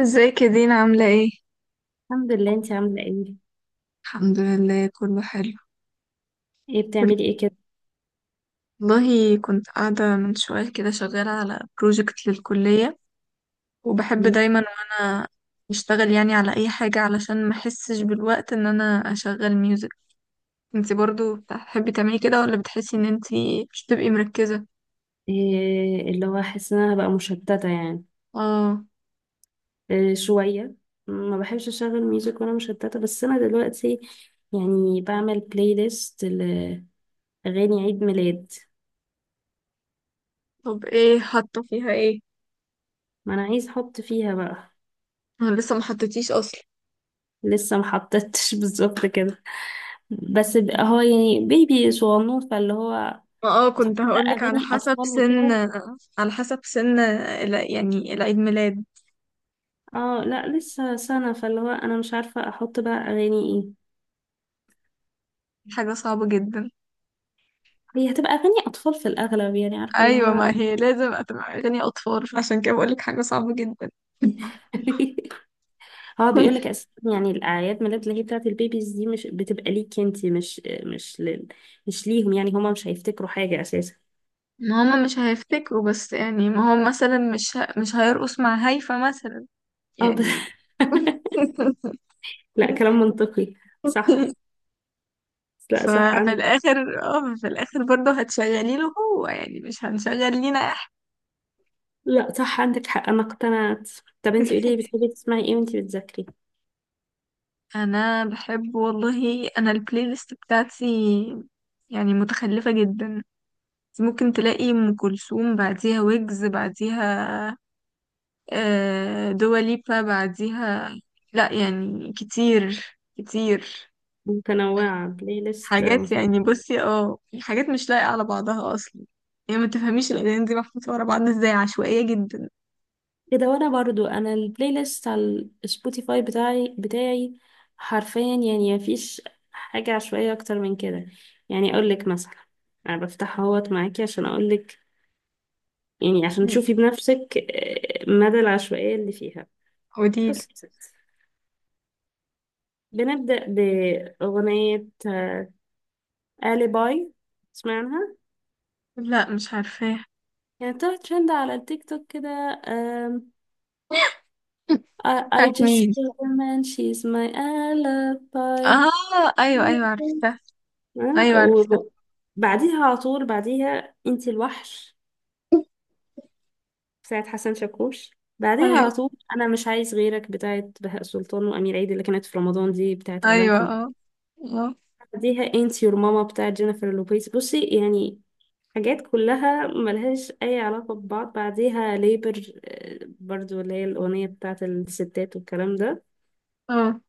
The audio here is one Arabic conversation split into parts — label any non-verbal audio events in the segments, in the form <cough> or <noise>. ازيك يا دينا، عاملة ايه؟ الحمد لله، انت عامله ايه؟ الحمد لله، كله حلو. ايه كله- بتعملي ايه كده؟ والله كنت قاعدة من شوية كده شغالة على بروجكت للكلية، وبحب دايما وانا بشتغل يعني على اي حاجة علشان ما احسش بالوقت ان انا اشغل ميوزك. انتي برضو بتحبي تعملي كده ولا بتحسي ان انتي مش بتبقي مركزة؟ إيه اللي هو حاسه ان انا هبقى مشتته يعني؟ اه. إيه، شويه. ما بحبش اشغل ميوزك وانا مشتته، بس انا دلوقتي يعني بعمل بلاي ليست لاغاني عيد ميلاد. طب ايه حاطة فيها ايه؟ ما انا عايز احط فيها بقى. انا لسه ما حطيتيش اصلا. لسه ما حطيتش <laughs> بالظبط كده. بس هو يعني بيبي صغنون فاللي هو ما هتحط كنت بقى هقولك على اغاني حسب اطفال سن، وكده. على حسب سن يعني العيد ميلاد. اه لا، لسه سنه فاللي هو انا مش عارفه احط بقى اغاني ايه. حاجة صعبة جدا. هي هتبقى أغاني أطفال في الأغلب، يعني عارفة اللي ايوه، هو. ما هي لازم هتبقى اغاني اطفال، عشان كده بقولك حاجه صعبه جدا. <laughs> <laughs> هو بيقول لك أساسا يعني الأعياد ميلاد اللي هي بتاعة البيبيز دي مش بتبقى ليكي، أنتي مش مش ليهم، يعني هما مش هيفتكروا حاجة أساسا. ما هما مش هيفتكروا، بس يعني ما هو مثلا مش هيرقص مع هيفا مثلا اه ده. يعني. <laughs> <laughs> لا، كلام منطقي. صح. لا صح ففي عندك. الاخر، في الاخر برضه هتشغلي له هو، يعني مش هنشغل لينا احنا. لا صح عندك حق، أنا اقتنعت. طب أنتي قولي لي <laughs> بتحبي تسمعي إيه وأنتي بتذاكري؟ انا بحب، والله انا البلاي ليست بتاعتي يعني متخلفه جدا. ممكن تلاقي ام كلثوم بعديها ويجز بعديها، دواليبا بعديها. لا يعني كتير كتير، متنوعة بلاي ليست حاجات يعني بصي، حاجات مش لايقة على بعضها اصلا. يعني ما تفهميش الاغاني دي محطوطة ورا بعض ازاي، عشوائية جدا. كده. وانا برضو انا البلاي ليست على السبوتيفاي بتاعي حرفيا يعني مفيش حاجة عشوائية اكتر من كده. يعني اقول لك مثلا، انا بفتحها اهوت معاكي عشان اقول لك، يعني عشان مم. تشوفي بنفسك مدى العشوائية اللي فيها. قوليلي. بصي يا ستي، بنبدأ بأغنية آلي باي، سمعناها. لا، مش عارفاه. يعني طلعت ترند على التيك توك كده. آم، <laughs> I بتاعت just مين؟ kill a man she's my alibi. اه، ايوه ايوه عرفتها، ايوه عرفتها. آه، وبعديها على طول بعديها انتي الوحش <laughs> بتاعت حسن شاكوش. بعديها ايوه على طول انا مش عايز غيرك بتاعت بهاء سلطان وامير عيد اللي كانت في رمضان دي بتاعت اعلان ايوه. كم. اه اه بعديها انتي يور ماما بتاعت جينيفر لوبيز. بصي يعني حاجات كلها ملهاش اي علاقة ببعض. بعديها ليبر برضو اللي هي الاغنية بتاعت الستات والكلام ده. اه.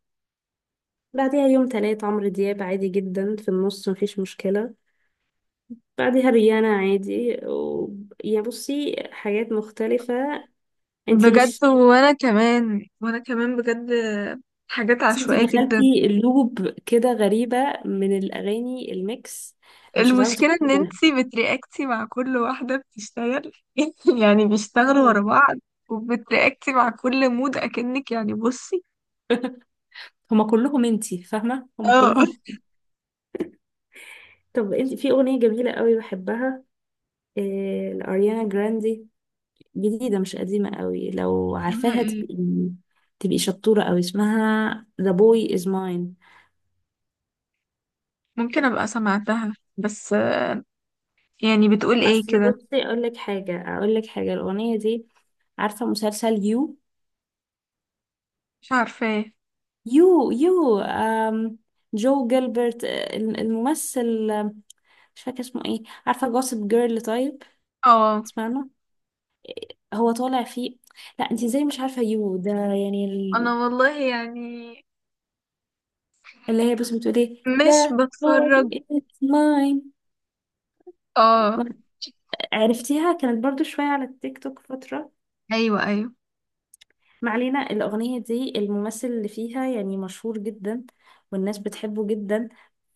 بعديها يوم تلات عمرو دياب عادي جدا في النص، مفيش مشكلة. بعدها ريانا عادي يعني بصي حاجات مختلفة. انتي بجد، مش. وانا كمان وانا كمان بجد، حاجات بس انتي عشوائية جدا. دخلتي لوب كده غريبة من الأغاني الميكس، أنا مش هتعرفي المشكلة ان تخرجي منها. انتي بترياكتي مع كل واحدة بتشتغل، <laughs> يعني بيشتغلوا ورا آه. بعض، وبترياكتي مع كل مود اكنك، يعني بصي. <laughs> هما كلهم، انتي فاهمة، هما اه. كلهم. طب انتي في أغنية جميلة قوي بحبها، لأريانا جراندي، جديدة مش قديمة قوي. لو اسمها عارفاها ايه؟ تبقي شطورة قوي. اسمها The Boy Is Mine. ممكن ابقى سمعتها، بس يعني بتقول ايه أصل كده؟ بصي أقول لك حاجة الأغنية دي. عارفة مسلسل يو مش عارفة ايه. يو يو أم جو جيلبرت، الممثل، مش فاكرة اسمه ايه. عارفة جوسب جيرل؟ طيب، اه. تسمعنا. هو طالع فيه. لا انت ازاي مش عارفة يو ده، يعني انا والله يعني اللي هي بس بتقول ايه مش ده هو بتفرج. it's mine. اه. عرفتيها؟ كانت برضو شوية على التيك توك فترة. ايوه ايوه. ما علينا، الأغنية دي الممثل اللي فيها يعني مشهور جدا والناس بتحبه جدا.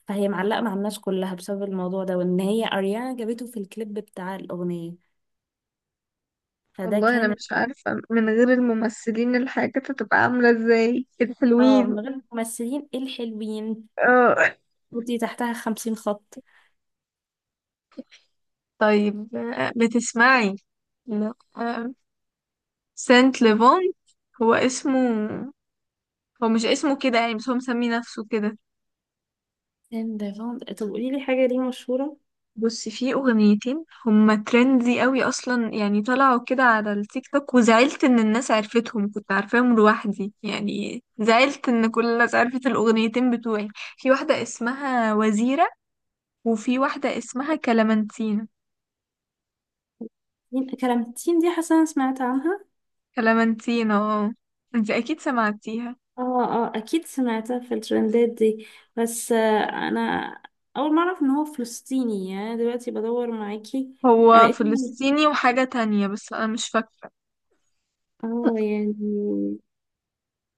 فهي معلقة مع الناس كلها بسبب الموضوع ده، وإن هي أريانا جابته في الكليب بتاع الأغنية، فده والله انا كان. مش عارفة من غير الممثلين الحاجة تبقى عاملة ازاي اه الحلوين. من غير الممثلين الحلوين. اه. خطي تحتها 50 خط. طيب، بتسمعي؟ لا. سانت ليفونت هو اسمه، هو مش اسمه كده يعني بس هو مسمي نفسه كده. طب قولي لي حاجة، دي مشهورة؟ بص، في اغنيتين هما ترندي قوي اصلا، يعني طلعوا كده على التيك توك وزعلت ان الناس عرفتهم، كنت عارفاهم لوحدي يعني، زعلت ان كل الناس عرفت الاغنيتين بتوعي. في واحدة اسمها وزيرة، وفي واحدة اسمها كلامنتينا. مين كلامتين دي؟ حاسة أنا سمعت عنها. كلامنتينا اه، انت اكيد سمعتيها. اه اه، أكيد سمعتها في الترندات دي. بس أنا أول مرة أعرف إن هو فلسطيني، يعني دلوقتي بدور معاكي. انا هو لقيت. فلسطيني وحاجة تانية بس انا مش فاكرة. اه يعني،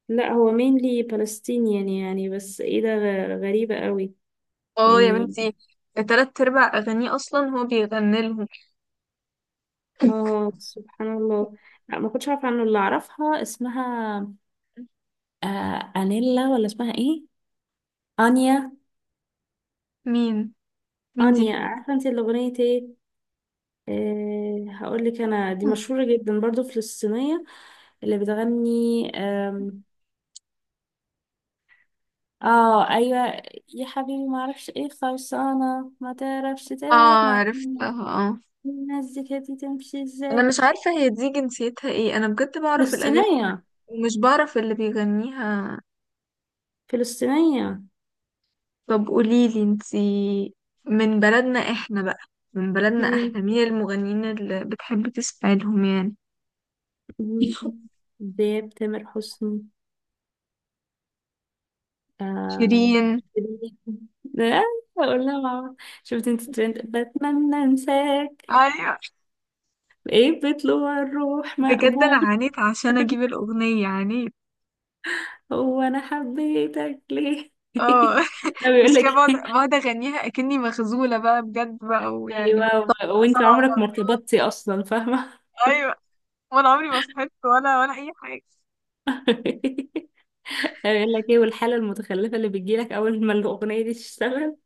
لا هو مينلي فلسطينيان يعني بس ايه ده، غريبة قوي اه يا يعني. بنتي، التلات ارباع اغانيه اصلا هو بيغني لهم. اه سبحان الله. لا، ما كنتش عارفة عنه. اللي اعرفها اسمها انيلا ولا اسمها ايه؟ انيا. مين؟ مين دي؟ انيا، عارفة انت الاغنية ايه؟ هقول لك انا، دي مشهورة جدا برضو فلسطينية. اللي بتغني اه ايوه. يا حبيبي ما اعرفش ايه خلصانة ما تعرفش اه، تلعب مع. عرفتها. اه. الناس دي كانت تمشي انا ازاي؟ مش عارفه هي دي جنسيتها ايه، انا بجد بعرف الاغاني فلسطينية. ومش بعرف اللي بيغنيها. فلسطينية. طب قوليلي انتي، من بلدنا احنا بقى، من بلدنا مم. احنا مين المغنيين اللي بتحبي تسمعي لهم يعني؟ مم. <laughs> دياب، تامر حسني. آه. شيرين. <laughs> لا، اقول لها ماما. شفت انت الترند بتمنى انساك؟ ايوه، ايه بطلوع الروح بجد انا مقبول. عانيت عشان اجيب الاغنيه، عانيت. هو انا حبيتك ليه اه. <laughs> <laughs> لا، بيقول مش لك كده، <laughs> بقعد إيه؟ بقعد اغنيها اكني مخزوله بقى بجد بقى ويعني بنبقى ايوه وانت سبع عمرك مرات. ما ارتبطتي اصلا، فاهمه. ايوه. وانا عمري ما صحيت ولا اي حاجه. <laughs> بيقول لك ايه والحاله المتخلفه اللي بتجيلك اول ما الاغنيه دي تشتغل.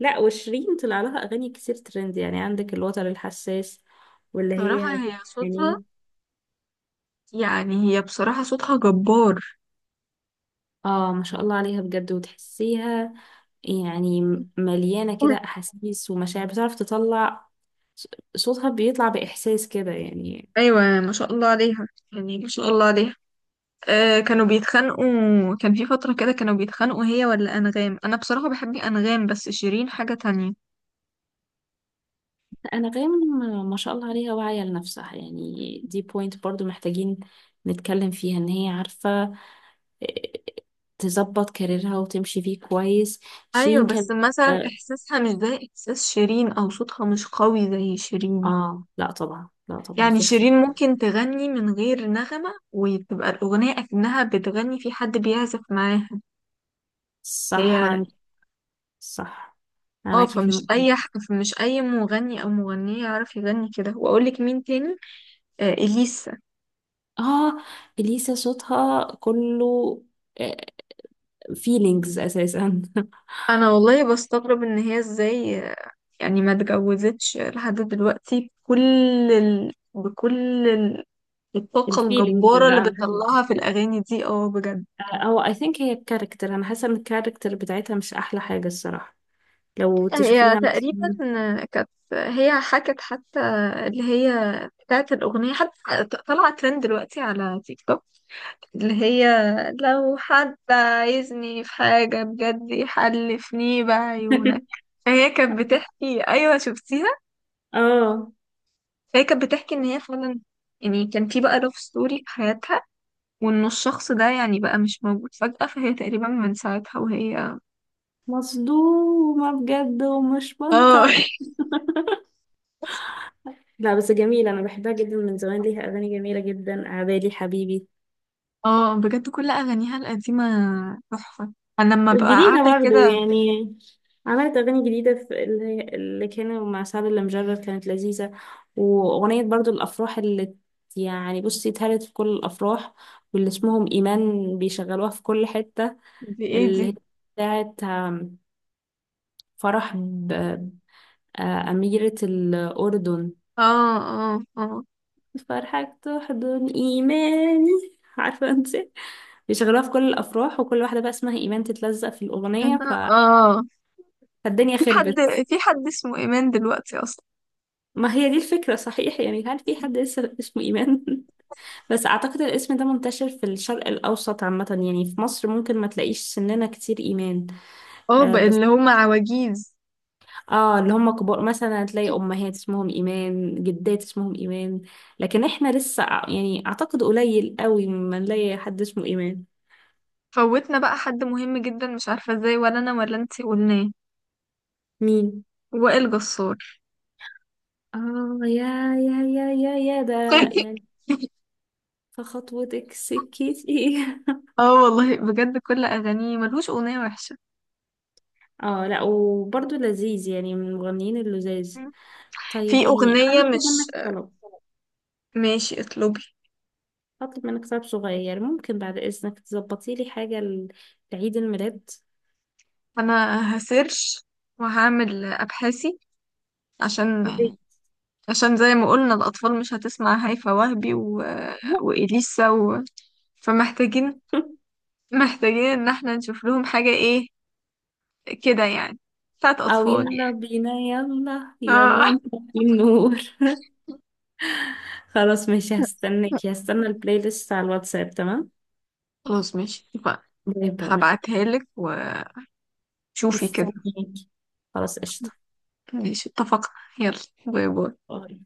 لا، وشيرين طلع لها اغاني كتير ترند، يعني عندك الوتر الحساس واللي بصراحه هي هي صوتها، يعني. يعني هي بصراحه صوتها جبار. اه ما شاء الله عليها بجد، وتحسيها يعني مليانة كده احاسيس ومشاعر بتعرف تطلع. ص- صوتها بيطلع باحساس كده يعني. ايوه ما شاء الله عليها، يعني ما شاء الله عليها. آه، كانوا بيتخانقوا، كان في فتره كده كانوا بيتخانقوا هي ولا انغام، انا بصراحه بحب انغام بس شيرين حاجه تانية. انغام ما شاء الله عليها، واعية لنفسها، يعني دي بوينت برضو محتاجين نتكلم فيها ان هي عارفة آه، تظبط كاريرها وتمشي فيه كويس. ايوه، شيرين بس كان. مثلا اه. احساسها مش زي احساس شيرين او صوتها مش قوي زي شيرين. لا طبعا لا طبعا يعني في شيرين اختلاف. ممكن تغني من غير نغمة وتبقى الأغنية أكنها بتغني في حد بيعزف معاها. صح هي. انت. صح. انا اه، معاكي في فمش النقطة دي. فمش أي مغني أو مغنية يعرف يغني كده. وأقولك مين تاني؟ آه، إليسا. اه، اليسا صوتها كله فيلينجز اساسا. أنا والله بستغرب إن هي إزاي، يعني ما اتجوزتش لحد دلوقتي، بكل بكل <laughs> الطاقة الفيلينجز الجبارة اللي اللي عندها دي. بتطلعها في الأغاني دي، اه بجد. او اي ثينك هي الكاركتر، انا حاسه ان الكاركتر بتاعتها مش احلى حاجه الصراحه. لو هي تشوفيها تقريبا مثلا. كانت هي حكت حتى، اللي هي بتاعت الأغنية حتى طالعة ترند دلوقتي على تيك توك، اللي هي لو حد عايزني في حاجة بجد يحلفني بعيونك. <laughs> فهي كانت بتحكي أيوة شفتيها، اه فهي كانت بتحكي إن هي فعلا يعني كان في بقى لاف ستوري في حياتها، وإن الشخص ده يعني بقى مش موجود فجأة، فهي تقريبا من ساعتها وهي. مصدومه بجد ومش اه. منطق. <laughs> لا بس جميله، انا بحبها جدا من زمان. ليها اغاني جميله جدا، عبالي حبيبي. اه، بجد كل اغانيها القديمه تحفه. انا لما ببقى جديدة قاعده برضه كده. يعني. عملت أغاني جديدة، في اللي كانوا مع سعد اللي مجرد كانت لذيذة. وأغنية برضه الأفراح اللي يعني بصي اتهرت في كل الأفراح واللي اسمهم إيمان بيشغلوها في كل حتة. دي ايه دي؟ اللي هي بتاعت فرح أميرة الأردن. اه اه اه فرحك تحضن إيماني <laughs> عارفة أنت، بيشغلوها في كل الأفراح وكل واحدة بقى اسمها إيمان تتلزق في الأغنية اه. فالدنيا في حد، خربت. في حد اسمه ايمان دلوقتي اصلا؟ ما هي دي الفكرة، صحيح، يعني هل في حد لسه اسمه إيمان؟ <laughs> بس أعتقد الاسم ده منتشر في الشرق الأوسط عامة، يعني في مصر ممكن ما تلاقيش سننا كتير إيمان. اه، آه بقى بس، اللي هم عواجيز. آه اللي هم كبار مثلا تلاقي أمهات اسمهم إيمان، جدات اسمهم إيمان. لكن إحنا لسه يعني أعتقد قليل قوي ما نلاقي حد اسمه إيمان. فوتنا بقى حد مهم جدا مش عارفه ازاي، ولا انا ولا انتي قلناه. مين؟ وائل جسار. آه يا يا يا يا يا ده <laughs> يعني. فخطوتك سكتي. <laughs> اه والله بجد كل اغانيه ملهوش اغنيه وحشه. اه لا، وبرضه لذيذ يعني من المغنيين اللذاذ. طيب في يعني انا اغنيه هطلب مش. منك طلب. ماشي اطلبي. هطلب منك طلب صغير، ممكن بعد اذنك تظبطي لي حاجه لعيد الميلاد؟ انا هسيرش وهعمل ابحاثي عشان، يا ريت. عشان زي ما قلنا الأطفال مش هتسمع هيفا وهبي وإليسا فمحتاجين، <laughs> محتاجين إن احنا نشوف لهم حاجة إيه كده يعني، بتاعت او أطفال يلا يعني. بينا يلا يلا آه. نطفي النور. <laughs> خلاص ماشي، هستناكي، <laughs> هستنى البلاي ليست على الواتساب، تمام. خلاص ماشي اتفقنا. باي باي. هبعتها لك وشوفي كده. مستنياكي. خلاص قشطه. ماشي اتفقنا. يلا، باي باي. باي.